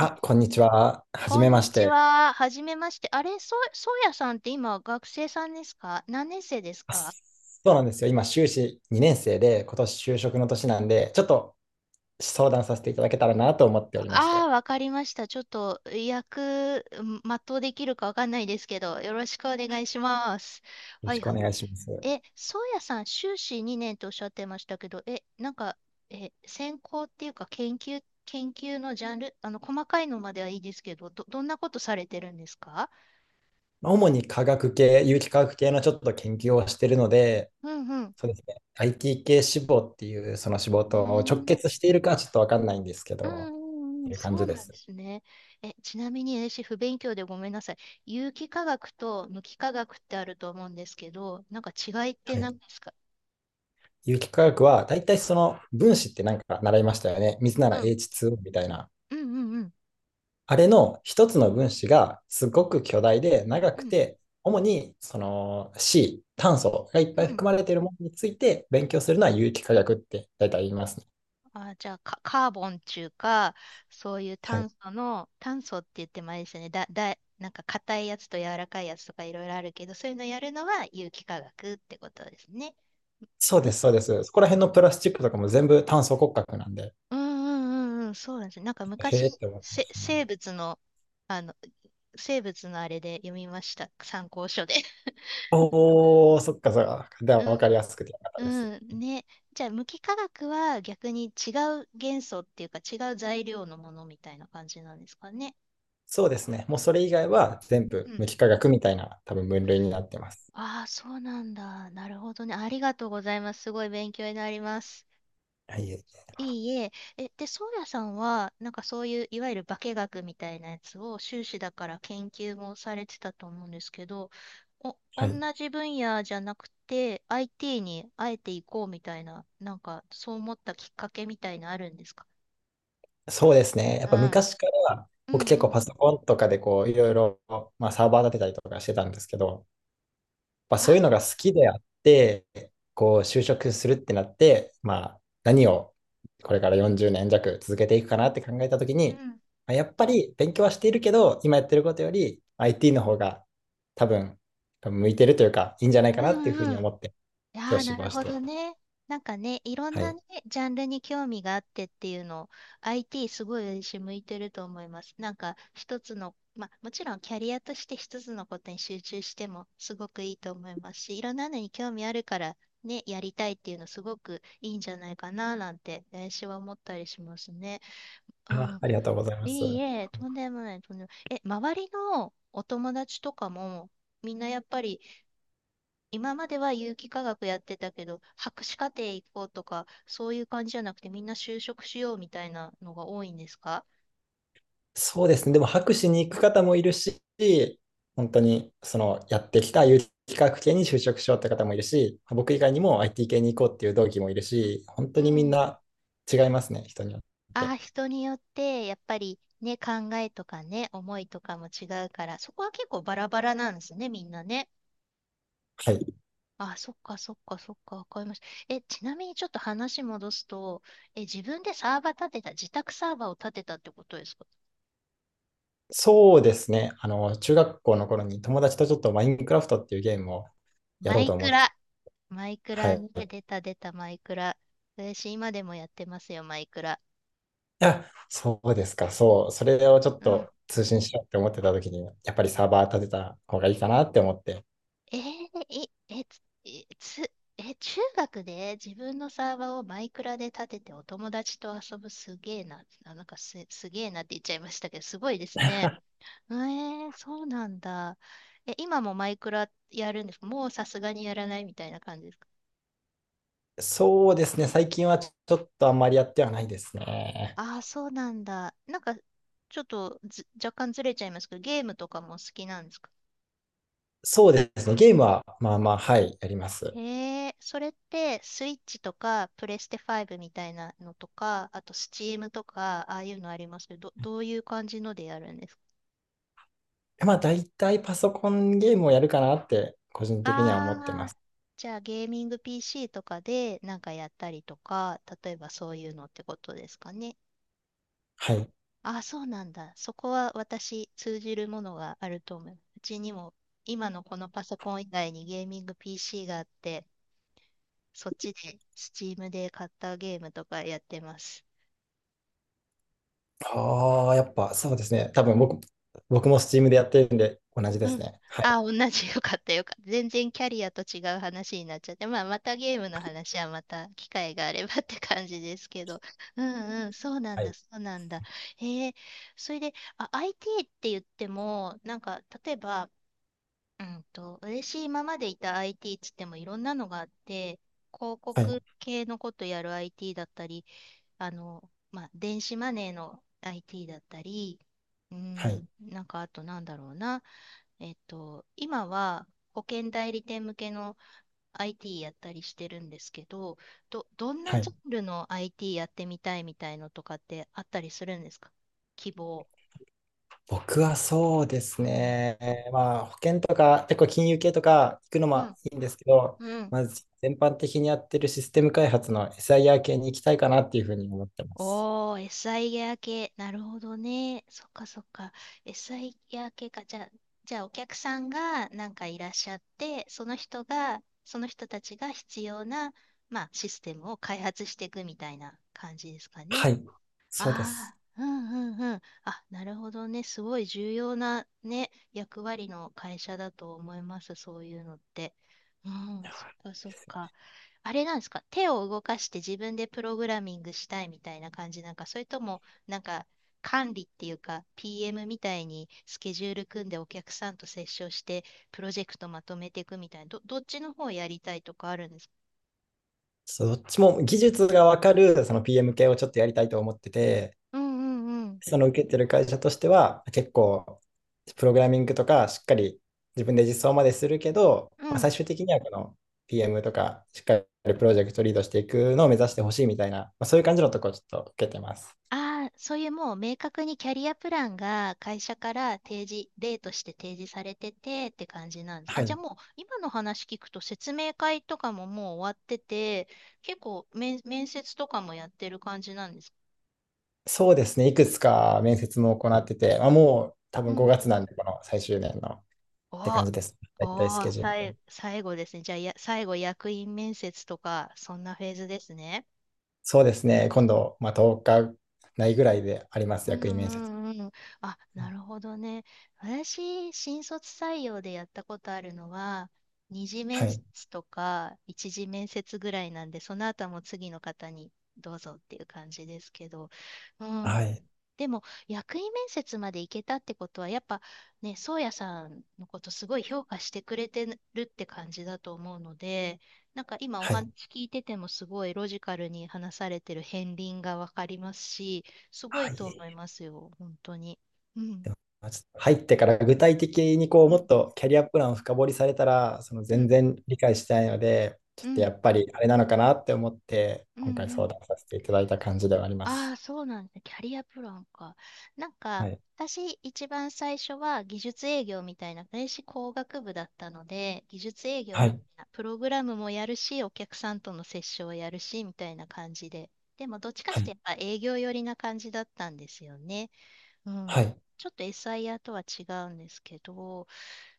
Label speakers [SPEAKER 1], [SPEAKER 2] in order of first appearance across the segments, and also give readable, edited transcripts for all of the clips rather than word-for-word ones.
[SPEAKER 1] え、
[SPEAKER 2] こんにちは。はじ
[SPEAKER 1] こ
[SPEAKER 2] め
[SPEAKER 1] ん
[SPEAKER 2] ま
[SPEAKER 1] に
[SPEAKER 2] し
[SPEAKER 1] ち
[SPEAKER 2] て。
[SPEAKER 1] は。はじめまして。あれ、そうやさんって今学生さんですか？何年生です
[SPEAKER 2] あ
[SPEAKER 1] か？
[SPEAKER 2] そうなんですよ。今、修士2年生で、今年就職の年なんで、ちょっと相談させていただけたらなと思っておりまして。
[SPEAKER 1] あ
[SPEAKER 2] よ
[SPEAKER 1] あー、わかりました。ちょっと全うできるかわかんないですけど、よろしくお願いします。
[SPEAKER 2] ろ
[SPEAKER 1] は
[SPEAKER 2] し
[SPEAKER 1] い
[SPEAKER 2] くお
[SPEAKER 1] はい。
[SPEAKER 2] 願いします。
[SPEAKER 1] そうやさん、修士2年とおっしゃってましたけど、え、なんか、え、専攻っていうか研究のジャンル、細かいのまではいいですけど、どんなことされてるんですか？
[SPEAKER 2] まあ主に科学系、有機化学系のちょっと研究をしているので、
[SPEAKER 1] うんうん。
[SPEAKER 2] そうですね。IT 系志望っていうその志望
[SPEAKER 1] うー
[SPEAKER 2] と直
[SPEAKER 1] ん
[SPEAKER 2] 結しているかちょっとわかんないんですけ
[SPEAKER 1] うん
[SPEAKER 2] ど、っ
[SPEAKER 1] うんう
[SPEAKER 2] て
[SPEAKER 1] ん、
[SPEAKER 2] いう感
[SPEAKER 1] そう
[SPEAKER 2] じで
[SPEAKER 1] なんで
[SPEAKER 2] す。
[SPEAKER 1] すね。ちなみに私、不勉強でごめんなさい。有機化学と無機化学ってあると思うんですけど、なんか違いって
[SPEAKER 2] はい。
[SPEAKER 1] 何ですか？
[SPEAKER 2] 有機化学は、大体その分子ってなんか習いましたよね。水な
[SPEAKER 1] う
[SPEAKER 2] ら
[SPEAKER 1] ん、
[SPEAKER 2] h 2みたいな。
[SPEAKER 1] うんうんうん、
[SPEAKER 2] あれの一つの分子がすごく巨大で長
[SPEAKER 1] う
[SPEAKER 2] く
[SPEAKER 1] ん、
[SPEAKER 2] て、主にその C、炭素がいっ
[SPEAKER 1] う
[SPEAKER 2] ぱい
[SPEAKER 1] ん。
[SPEAKER 2] 含まれているものについて勉強するのは有機化学って大体言いますね。
[SPEAKER 1] あ、じゃあ、カカーボンっていうか、そういう
[SPEAKER 2] は
[SPEAKER 1] 炭
[SPEAKER 2] い。
[SPEAKER 1] 素の、炭素って言ってもあれですよね。なんか硬いやつと柔らかいやつとかいろいろあるけど、そういうのやるのは有機化学ってことですね。
[SPEAKER 2] そうで
[SPEAKER 1] 無
[SPEAKER 2] す、そうです。そこら辺のプラスチックとかも全部炭素骨格なんで、
[SPEAKER 1] うんうんうんうん、そうなんですね。なんか
[SPEAKER 2] へ
[SPEAKER 1] 昔、
[SPEAKER 2] えって思ってましたん
[SPEAKER 1] 生
[SPEAKER 2] で。
[SPEAKER 1] 物の、あの、生物のあれで読みました。参考書で。
[SPEAKER 2] おー、そっかそっか。では分
[SPEAKER 1] う
[SPEAKER 2] かり
[SPEAKER 1] ん、
[SPEAKER 2] やすくてよかったです。
[SPEAKER 1] うん、ね。じゃあ、無機化学は逆に違う元素っていうか違う材料のものみたいな感じなんですかね。
[SPEAKER 2] そうですね。もうそれ以外は全
[SPEAKER 1] う
[SPEAKER 2] 部
[SPEAKER 1] ん。
[SPEAKER 2] 無機化学みたいな多分分類になってます。
[SPEAKER 1] ああ、そうなんだ。なるほどね。ありがとうございます。すごい勉強になります。
[SPEAKER 2] はい。
[SPEAKER 1] いいえ。で、ソーヤさんは、なんかそういう、いわゆる化学みたいなやつを、修士だから研究もされてたと思うんですけど、
[SPEAKER 2] は
[SPEAKER 1] 同
[SPEAKER 2] い。
[SPEAKER 1] じ分野じゃなくて、IT にあえていこうみたいな、なんか、そう思ったきっかけみたいなあるんですか？
[SPEAKER 2] そうですね。やっ
[SPEAKER 1] う
[SPEAKER 2] ぱ
[SPEAKER 1] ん。
[SPEAKER 2] 昔から
[SPEAKER 1] う
[SPEAKER 2] 僕
[SPEAKER 1] ん
[SPEAKER 2] 結
[SPEAKER 1] う
[SPEAKER 2] 構
[SPEAKER 1] ん。
[SPEAKER 2] パソコンとかでこういろいろ、まあ、サーバー立てたりとかしてたんですけど、まあ、
[SPEAKER 1] あ、
[SPEAKER 2] そういうのが好きであって、こう就職するってなって、まあ、何をこれから40年弱続けていくかなって考えたとき
[SPEAKER 1] う
[SPEAKER 2] に、
[SPEAKER 1] ん。
[SPEAKER 2] まあ、やっぱり勉強はしているけど、今やってることより IT の方が多分向いてるというか、いいんじゃないか
[SPEAKER 1] う
[SPEAKER 2] なっていうふう
[SPEAKER 1] ん
[SPEAKER 2] に
[SPEAKER 1] うん。
[SPEAKER 2] 思って、
[SPEAKER 1] いや
[SPEAKER 2] 今
[SPEAKER 1] ー
[SPEAKER 2] 日志
[SPEAKER 1] なる
[SPEAKER 2] 望し
[SPEAKER 1] ほど
[SPEAKER 2] て。
[SPEAKER 1] ね。なんかね、いろん
[SPEAKER 2] は
[SPEAKER 1] な
[SPEAKER 2] い。
[SPEAKER 1] ね、ジャンルに興味があってっていうのを、IT すごい私向いてると思います。なんか一つの、まあもちろんキャリアとして一つのことに集中してもすごくいいと思いますし、いろんなのに興味あるからね、やりたいっていうのすごくいいんじゃないかななんて、私は思ったりしますね。う
[SPEAKER 2] あ、
[SPEAKER 1] ん。
[SPEAKER 2] ありがとうございます。
[SPEAKER 1] いいえ、とんでもない、とんでもない。周りのお友達とかも、みんなやっぱり今までは有機化学やってたけど、博士課程行こうとか、そういう感じじゃなくて、みんな就職しようみたいなのが多いんですか？
[SPEAKER 2] そうですね。でも博士に行く方もいるし、本当にそのやってきた有機化学系に就職しようって方もいるし、僕以外にも IT 系に行こうっていう同期もいるし、本
[SPEAKER 1] う
[SPEAKER 2] 当にみん
[SPEAKER 1] ん。
[SPEAKER 2] な違いますね、人によっ
[SPEAKER 1] あ
[SPEAKER 2] て。
[SPEAKER 1] あ、人によって、やっぱりね、考えとかね、思いとかも違うから、そこは結構バラバラなんですね、みんなね。
[SPEAKER 2] はい。
[SPEAKER 1] ああ、そっか、そっか、そっか、わかりました。ちなみにちょっと話戻すと、自分でサーバー立てた、自宅サーバーを立てたってことですか？
[SPEAKER 2] そうですね。あの、中学校の頃に友達とちょっとマインクラフトっていうゲームをや
[SPEAKER 1] マ
[SPEAKER 2] ろう
[SPEAKER 1] イ
[SPEAKER 2] と思
[SPEAKER 1] ク
[SPEAKER 2] ってた。
[SPEAKER 1] ラ。マイク
[SPEAKER 2] は
[SPEAKER 1] ラね、
[SPEAKER 2] い。
[SPEAKER 1] 出
[SPEAKER 2] い
[SPEAKER 1] た出たマイクラ。私今でもやってますよ、マイクラ。
[SPEAKER 2] や、そうですか。そう。それをちょっ
[SPEAKER 1] うん。
[SPEAKER 2] と通信しようって思ってた時に、やっぱりサーバー立てた方がいいかなって思って、
[SPEAKER 1] えー、い、え、つ、え、つえ中学で自分のサーバーをマイクラで立ててお友達と遊ぶすげえな。あ、なんかす、すげえなって言っちゃいましたけど、すごいですね。えー、そうなんだ。今もマイクラやるんですか？もうさすがにやらないみたいな感じですか？
[SPEAKER 2] そうですね。最近はちょっとあんまりやってはないですね。
[SPEAKER 1] ああー、そうなんだ。なんか、ちょっとず、若干ずれちゃいますけど、ゲームとかも好きなんですか？
[SPEAKER 2] そうですね。ゲームは、まあまあ、はい、やります。
[SPEAKER 1] へえ、それってスイッチとかプレステ5みたいなのとか、あとスチームとか、ああいうのありますけど、どういう感じのでやるんですか？
[SPEAKER 2] まあ、大体パソコンゲームをやるかなって、個人的には思って
[SPEAKER 1] あ
[SPEAKER 2] ま
[SPEAKER 1] あー、
[SPEAKER 2] す。
[SPEAKER 1] じゃあゲーミング PC とかでなんかやったりとか、例えばそういうのってことですかね。
[SPEAKER 2] はい。
[SPEAKER 1] ああ、そうなんだ。そこは私通じるものがあると思う。うちにも今のこのパソコン以外にゲーミング PC があって、そっちでスチームで買ったゲームとかやってます。
[SPEAKER 2] ああ、やっぱそうですね。多分僕も Steam でやってるんで、同じで
[SPEAKER 1] う
[SPEAKER 2] す
[SPEAKER 1] ん。
[SPEAKER 2] ね。はい、
[SPEAKER 1] あ、同じ。よかった、よかった。全然キャリアと違う話になっちゃって、まあ、またゲームの話はまた機会があればって感じですけど。うんうん、そうなん
[SPEAKER 2] は
[SPEAKER 1] だ、
[SPEAKER 2] い、
[SPEAKER 1] そうなんだ。へえ、それで、あ、IT って言っても、なんか、例えば、うんと、私今までいた IT っつってもいろんなのがあって、広
[SPEAKER 2] はい、
[SPEAKER 1] 告系のことやる IT だったり、あの、まあ、電子マネーの IT だったり、う
[SPEAKER 2] は
[SPEAKER 1] ん、
[SPEAKER 2] い、
[SPEAKER 1] なんかあとなんだろうな。えっと、今は保険代理店向けの IT やったりしてるんですけど、どんな
[SPEAKER 2] は
[SPEAKER 1] ジャ
[SPEAKER 2] い。
[SPEAKER 1] ンルの IT やってみたいみたいのとかってあったりするんですか？希望。
[SPEAKER 2] 僕はそうです
[SPEAKER 1] うん。
[SPEAKER 2] ね。まあ、保険とか、結構金融系とか行くの
[SPEAKER 1] う
[SPEAKER 2] も
[SPEAKER 1] ん。
[SPEAKER 2] いいんですけど、
[SPEAKER 1] うん。
[SPEAKER 2] まず全般的にやってるシステム開発の SIR 系に行きたいかなっていうふうに思ってます。
[SPEAKER 1] おー、SI ギア系。なるほどね。そっかそっか。SI ギア系か。じゃあ、じゃあお客さんがなんかいらっしゃって、その人が、その人たちが必要な、まあ、システムを開発していくみたいな感じですかね。
[SPEAKER 2] はい、そうで
[SPEAKER 1] あ
[SPEAKER 2] す。
[SPEAKER 1] あ、うんうんうん。あ、なるほどね。すごい重要なね、役割の会社だと思います。そういうのって。うん、そっかそっか。あれなんですか。手を動かして自分でプログラミングしたいみたいな感じなんか、それとも、なんか、管理っていうか、PM みたいにスケジュール組んでお客さんと接触して、プロジェクトまとめていくみたいな、どっちの方やりたいとかあるんですか？
[SPEAKER 2] そうどっちも技術がわかるその PM 系をちょっとやりたいと思ってて、
[SPEAKER 1] うんうんうん
[SPEAKER 2] その受けてる会社としては、結構、プログラミングとか、しっかり自分で実装までするけど、
[SPEAKER 1] う
[SPEAKER 2] まあ、最
[SPEAKER 1] ん。
[SPEAKER 2] 終的にはこの PM とか、しっかりプロジェクトリードしていくのを目指してほしいみたいな、まあ、そういう感じのところをちょっと受けてます。
[SPEAKER 1] ああ、そういうもう明確にキャリアプランが会社から提示、例として提示されててって感じなんです。
[SPEAKER 2] は
[SPEAKER 1] あ、じゃあ
[SPEAKER 2] い。
[SPEAKER 1] もう今の話聞くと説明会とかももう終わってて、結構面接とかもやってる感じなんですか。
[SPEAKER 2] そうですね、いくつか面接も行ってて、まあ、もう多
[SPEAKER 1] う
[SPEAKER 2] 分
[SPEAKER 1] んう
[SPEAKER 2] 5
[SPEAKER 1] ん。
[SPEAKER 2] 月なんで、この最終年のって感じ
[SPEAKER 1] あ
[SPEAKER 2] です。大体スケ
[SPEAKER 1] あ、
[SPEAKER 2] ジュール。
[SPEAKER 1] 最後ですね。じゃあや、最後役員面接とか、そんなフェーズですね。
[SPEAKER 2] そうですね、今度、まあ、10日ないぐらいであります、
[SPEAKER 1] うん
[SPEAKER 2] 役員面接。
[SPEAKER 1] うんうん。あ、なるほどね。私、新卒採用でやったことあるのは、二次
[SPEAKER 2] は
[SPEAKER 1] 面
[SPEAKER 2] い。
[SPEAKER 1] 接とか一次面接ぐらいなんで、その後はもう次の方にどうぞっていう感じですけど、うん。
[SPEAKER 2] はい。
[SPEAKER 1] でも、役員面接まで行けたってことは、やっぱね、宗谷さんのことすごい評価してくれてるって感じだと思うので、なんか今お
[SPEAKER 2] はい。
[SPEAKER 1] 話聞いててもすごいロジカルに話されてる片鱗がわかりますし、すご
[SPEAKER 2] は
[SPEAKER 1] いと思い
[SPEAKER 2] い。
[SPEAKER 1] ますよ、本当に。うん、
[SPEAKER 2] でもまあちょっと入ってから具体的にこう
[SPEAKER 1] う
[SPEAKER 2] も
[SPEAKER 1] ん、
[SPEAKER 2] っとキャリアプランを深掘りされたらその
[SPEAKER 1] う
[SPEAKER 2] 全
[SPEAKER 1] ん、
[SPEAKER 2] 然理解してないのでちょ
[SPEAKER 1] う
[SPEAKER 2] っとや
[SPEAKER 1] ん、
[SPEAKER 2] っぱりあれなのかなって思って
[SPEAKER 1] うん、
[SPEAKER 2] 今回
[SPEAKER 1] う
[SPEAKER 2] 相
[SPEAKER 1] ん。
[SPEAKER 2] 談させていただいた感じではありま
[SPEAKER 1] あ
[SPEAKER 2] す。
[SPEAKER 1] あ、そうなんだ。キャリアプランか。なん
[SPEAKER 2] は
[SPEAKER 1] か、
[SPEAKER 2] い。
[SPEAKER 1] 私一番最初は技術営業みたいな、電子工学部だったので、技術営業
[SPEAKER 2] は
[SPEAKER 1] みた
[SPEAKER 2] い。
[SPEAKER 1] いな、プログラムもやるし、お客さんとの接触をやるし、みたいな感じで。でも、どっちか
[SPEAKER 2] は
[SPEAKER 1] して
[SPEAKER 2] い。
[SPEAKER 1] やっぱ営業寄りな感じだったんですよね。う
[SPEAKER 2] は
[SPEAKER 1] ん。
[SPEAKER 2] い。
[SPEAKER 1] ちょっと SIR とは違うんですけど、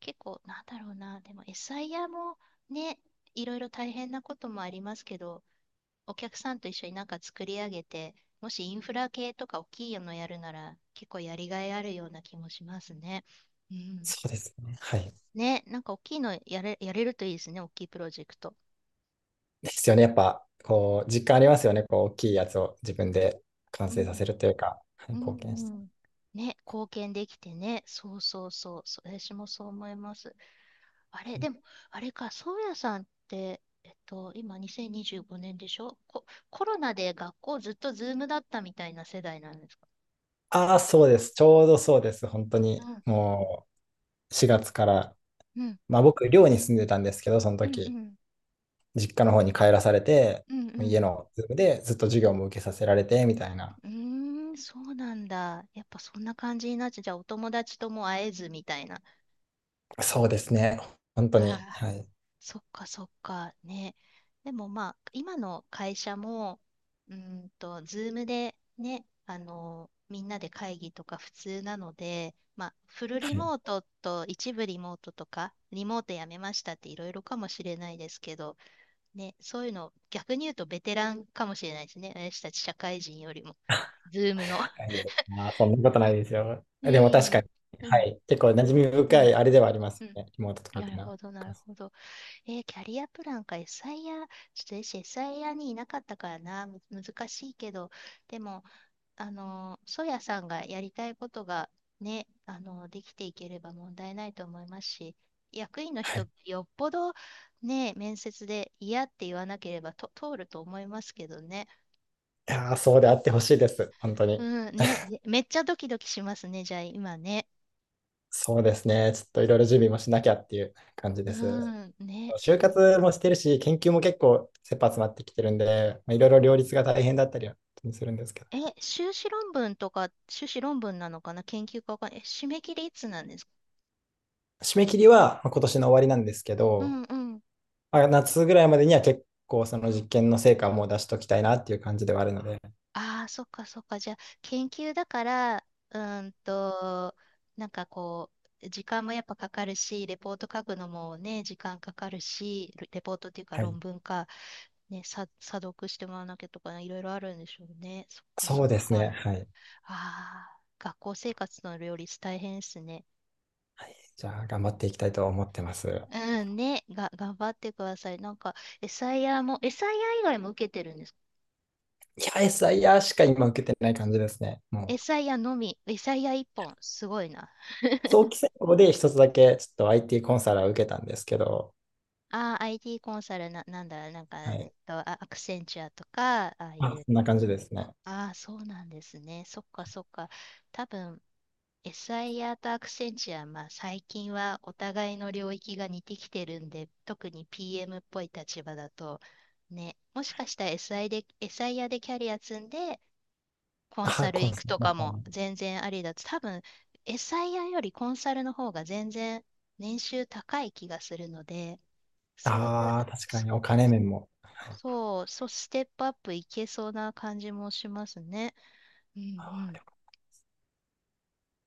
[SPEAKER 1] 結構、なんだろうな、でも SIR もね、いろいろ大変なこともありますけど、お客さんと一緒になんか作り上げて、もしインフラ系とか大きいのやるなら、結構やりがいあるような気もしますね。うん。
[SPEAKER 2] そうですね。はい。
[SPEAKER 1] ね、なんか大きいのやれるといいですね、大きいプロジェクト。
[SPEAKER 2] ですよね。やっぱこう実感ありますよね。こう大きいやつを自分で完
[SPEAKER 1] う
[SPEAKER 2] 成さ
[SPEAKER 1] ん、
[SPEAKER 2] せるというか、はい、
[SPEAKER 1] う
[SPEAKER 2] 貢献し
[SPEAKER 1] ん、
[SPEAKER 2] て。
[SPEAKER 1] うん。ね、貢献できてね、そうそうそう、私もそう思います。あれ、でも、あれか、そうやさんって、今2025年でしょ？ココロナで学校ずっとズームだったみたいな世代なんですか？
[SPEAKER 2] ああ、そうです。ちょうどそうです。本当
[SPEAKER 1] う
[SPEAKER 2] に
[SPEAKER 1] ん、
[SPEAKER 2] もう4月から、
[SPEAKER 1] うん、
[SPEAKER 2] まあ僕寮に住んでたんですけど、その
[SPEAKER 1] うん、
[SPEAKER 2] 時。
[SPEAKER 1] うん、
[SPEAKER 2] 実家の方に帰らされて、
[SPEAKER 1] うん、う
[SPEAKER 2] 家
[SPEAKER 1] ん。
[SPEAKER 2] のズームでずっと授業も受けさせられてみたいな。
[SPEAKER 1] うーん、そうなんだ。やっぱそんな感じになっちゃう。じゃあお友達とも会えずみたいな。あ
[SPEAKER 2] そうですね。本当に。
[SPEAKER 1] あ、
[SPEAKER 2] はい。
[SPEAKER 1] そっかそっか。ね。でもまあ、今の会社も、ズームでね、みんなで会議とか普通なので、まあ、フルリ
[SPEAKER 2] はい。
[SPEAKER 1] モートと一部リモートとか、リモートやめましたっていろいろかもしれないですけど、ね、そういうの、逆に言うとベテランかもしれないですね。私たち社会人よりも、ズームの。
[SPEAKER 2] はいまあ、そんなことないですよ。でも
[SPEAKER 1] い
[SPEAKER 2] 確か
[SPEAKER 1] い
[SPEAKER 2] に、は
[SPEAKER 1] ね。
[SPEAKER 2] い。結構馴染み
[SPEAKER 1] う
[SPEAKER 2] 深
[SPEAKER 1] ん、
[SPEAKER 2] いあれではありま
[SPEAKER 1] う
[SPEAKER 2] す
[SPEAKER 1] ん。
[SPEAKER 2] よね。リモートとかっ
[SPEAKER 1] な
[SPEAKER 2] てい
[SPEAKER 1] る
[SPEAKER 2] うの
[SPEAKER 1] ほ
[SPEAKER 2] は。
[SPEAKER 1] ど、なるほど。キャリアプランか、エスアイアー、ちょっと私、エスアイアーにいなかったからな、難しいけど、でも、ソヤさんがやりたいことがね、できていければ問題ないと思いますし、役員の人、よっぽどね、面接で嫌って言わなければと通ると思いますけどね。
[SPEAKER 2] いやー、そうであってほしいです。本当に。
[SPEAKER 1] うん、ね、めっちゃドキドキしますね、じゃあ、今ね。
[SPEAKER 2] そうですね。ちょっといろいろ準備もしなきゃっていう感じ
[SPEAKER 1] う
[SPEAKER 2] です。
[SPEAKER 1] ん、ね、そ
[SPEAKER 2] 就
[SPEAKER 1] うで
[SPEAKER 2] 活
[SPEAKER 1] す。
[SPEAKER 2] もしてるし、研究も結構切羽詰まってきてるんで、まあ、いろいろ両立が大変だったりはするんですけど。
[SPEAKER 1] え、修士論文とか、修士論文なのかな研究かわかんない。え、締め切りいつなんですか？
[SPEAKER 2] 締め切りはまあ今年の終わりなんですけ
[SPEAKER 1] う
[SPEAKER 2] ど、
[SPEAKER 1] んうん。
[SPEAKER 2] あ、夏ぐらいまでには結構その実験の成果をもう出しときたいなっていう感じではあるので、
[SPEAKER 1] ああ、そっかそっか。じゃあ、研究だから、うーんと、なんかこう、時間もやっぱかかるし、レポート書くのもね、時間かかるし、レポートっていうか
[SPEAKER 2] はい。
[SPEAKER 1] 論文か、ね、査読してもらわなきゃとかね、いろいろあるんでしょうね。そっか
[SPEAKER 2] そ
[SPEAKER 1] そ
[SPEAKER 2] う
[SPEAKER 1] っ
[SPEAKER 2] ですね。
[SPEAKER 1] か。
[SPEAKER 2] はい。
[SPEAKER 1] ああ、学校生活の両立大変ですね。
[SPEAKER 2] じゃあ、頑張っていきたいと思ってます。い
[SPEAKER 1] うん、ね、頑張ってください。なんか、エサイヤも、エサイヤ以外も受けてるんですか？
[SPEAKER 2] や、SIR しか今受けてない感じですね。も
[SPEAKER 1] エ
[SPEAKER 2] う、
[SPEAKER 1] サイヤのみ、エサイヤ一本、すごいな。
[SPEAKER 2] 早期選考で一つだけちょっと IT コンサルを受けたんですけど、
[SPEAKER 1] ああ、IT コンサルな、なんだ、なんか、
[SPEAKER 2] はい。
[SPEAKER 1] アクセンチュアとか、ああい
[SPEAKER 2] あ、
[SPEAKER 1] う、
[SPEAKER 2] そんな感じですね。
[SPEAKER 1] ああ、そうなんですね。そっか、そっか。多分、エサイヤとアクセンチュア、まあ、最近はお互いの領域が似てきてるんで、特に PM っぽい立場だと、ね、もしかしたら SI でキャリア積んで、コン
[SPEAKER 2] あ、
[SPEAKER 1] サル
[SPEAKER 2] コ
[SPEAKER 1] 行
[SPEAKER 2] ンサ
[SPEAKER 1] く
[SPEAKER 2] ル
[SPEAKER 1] と
[SPEAKER 2] の
[SPEAKER 1] か
[SPEAKER 2] 方
[SPEAKER 1] も
[SPEAKER 2] に。
[SPEAKER 1] 全然ありだと、多分 SIR よりコンサルの方が全然年収高い気がするので、そうい
[SPEAKER 2] ああ、
[SPEAKER 1] う、
[SPEAKER 2] 確かにお金面も。
[SPEAKER 1] そう、そう、ステップアップいけそうな感じもしますね。うんうん。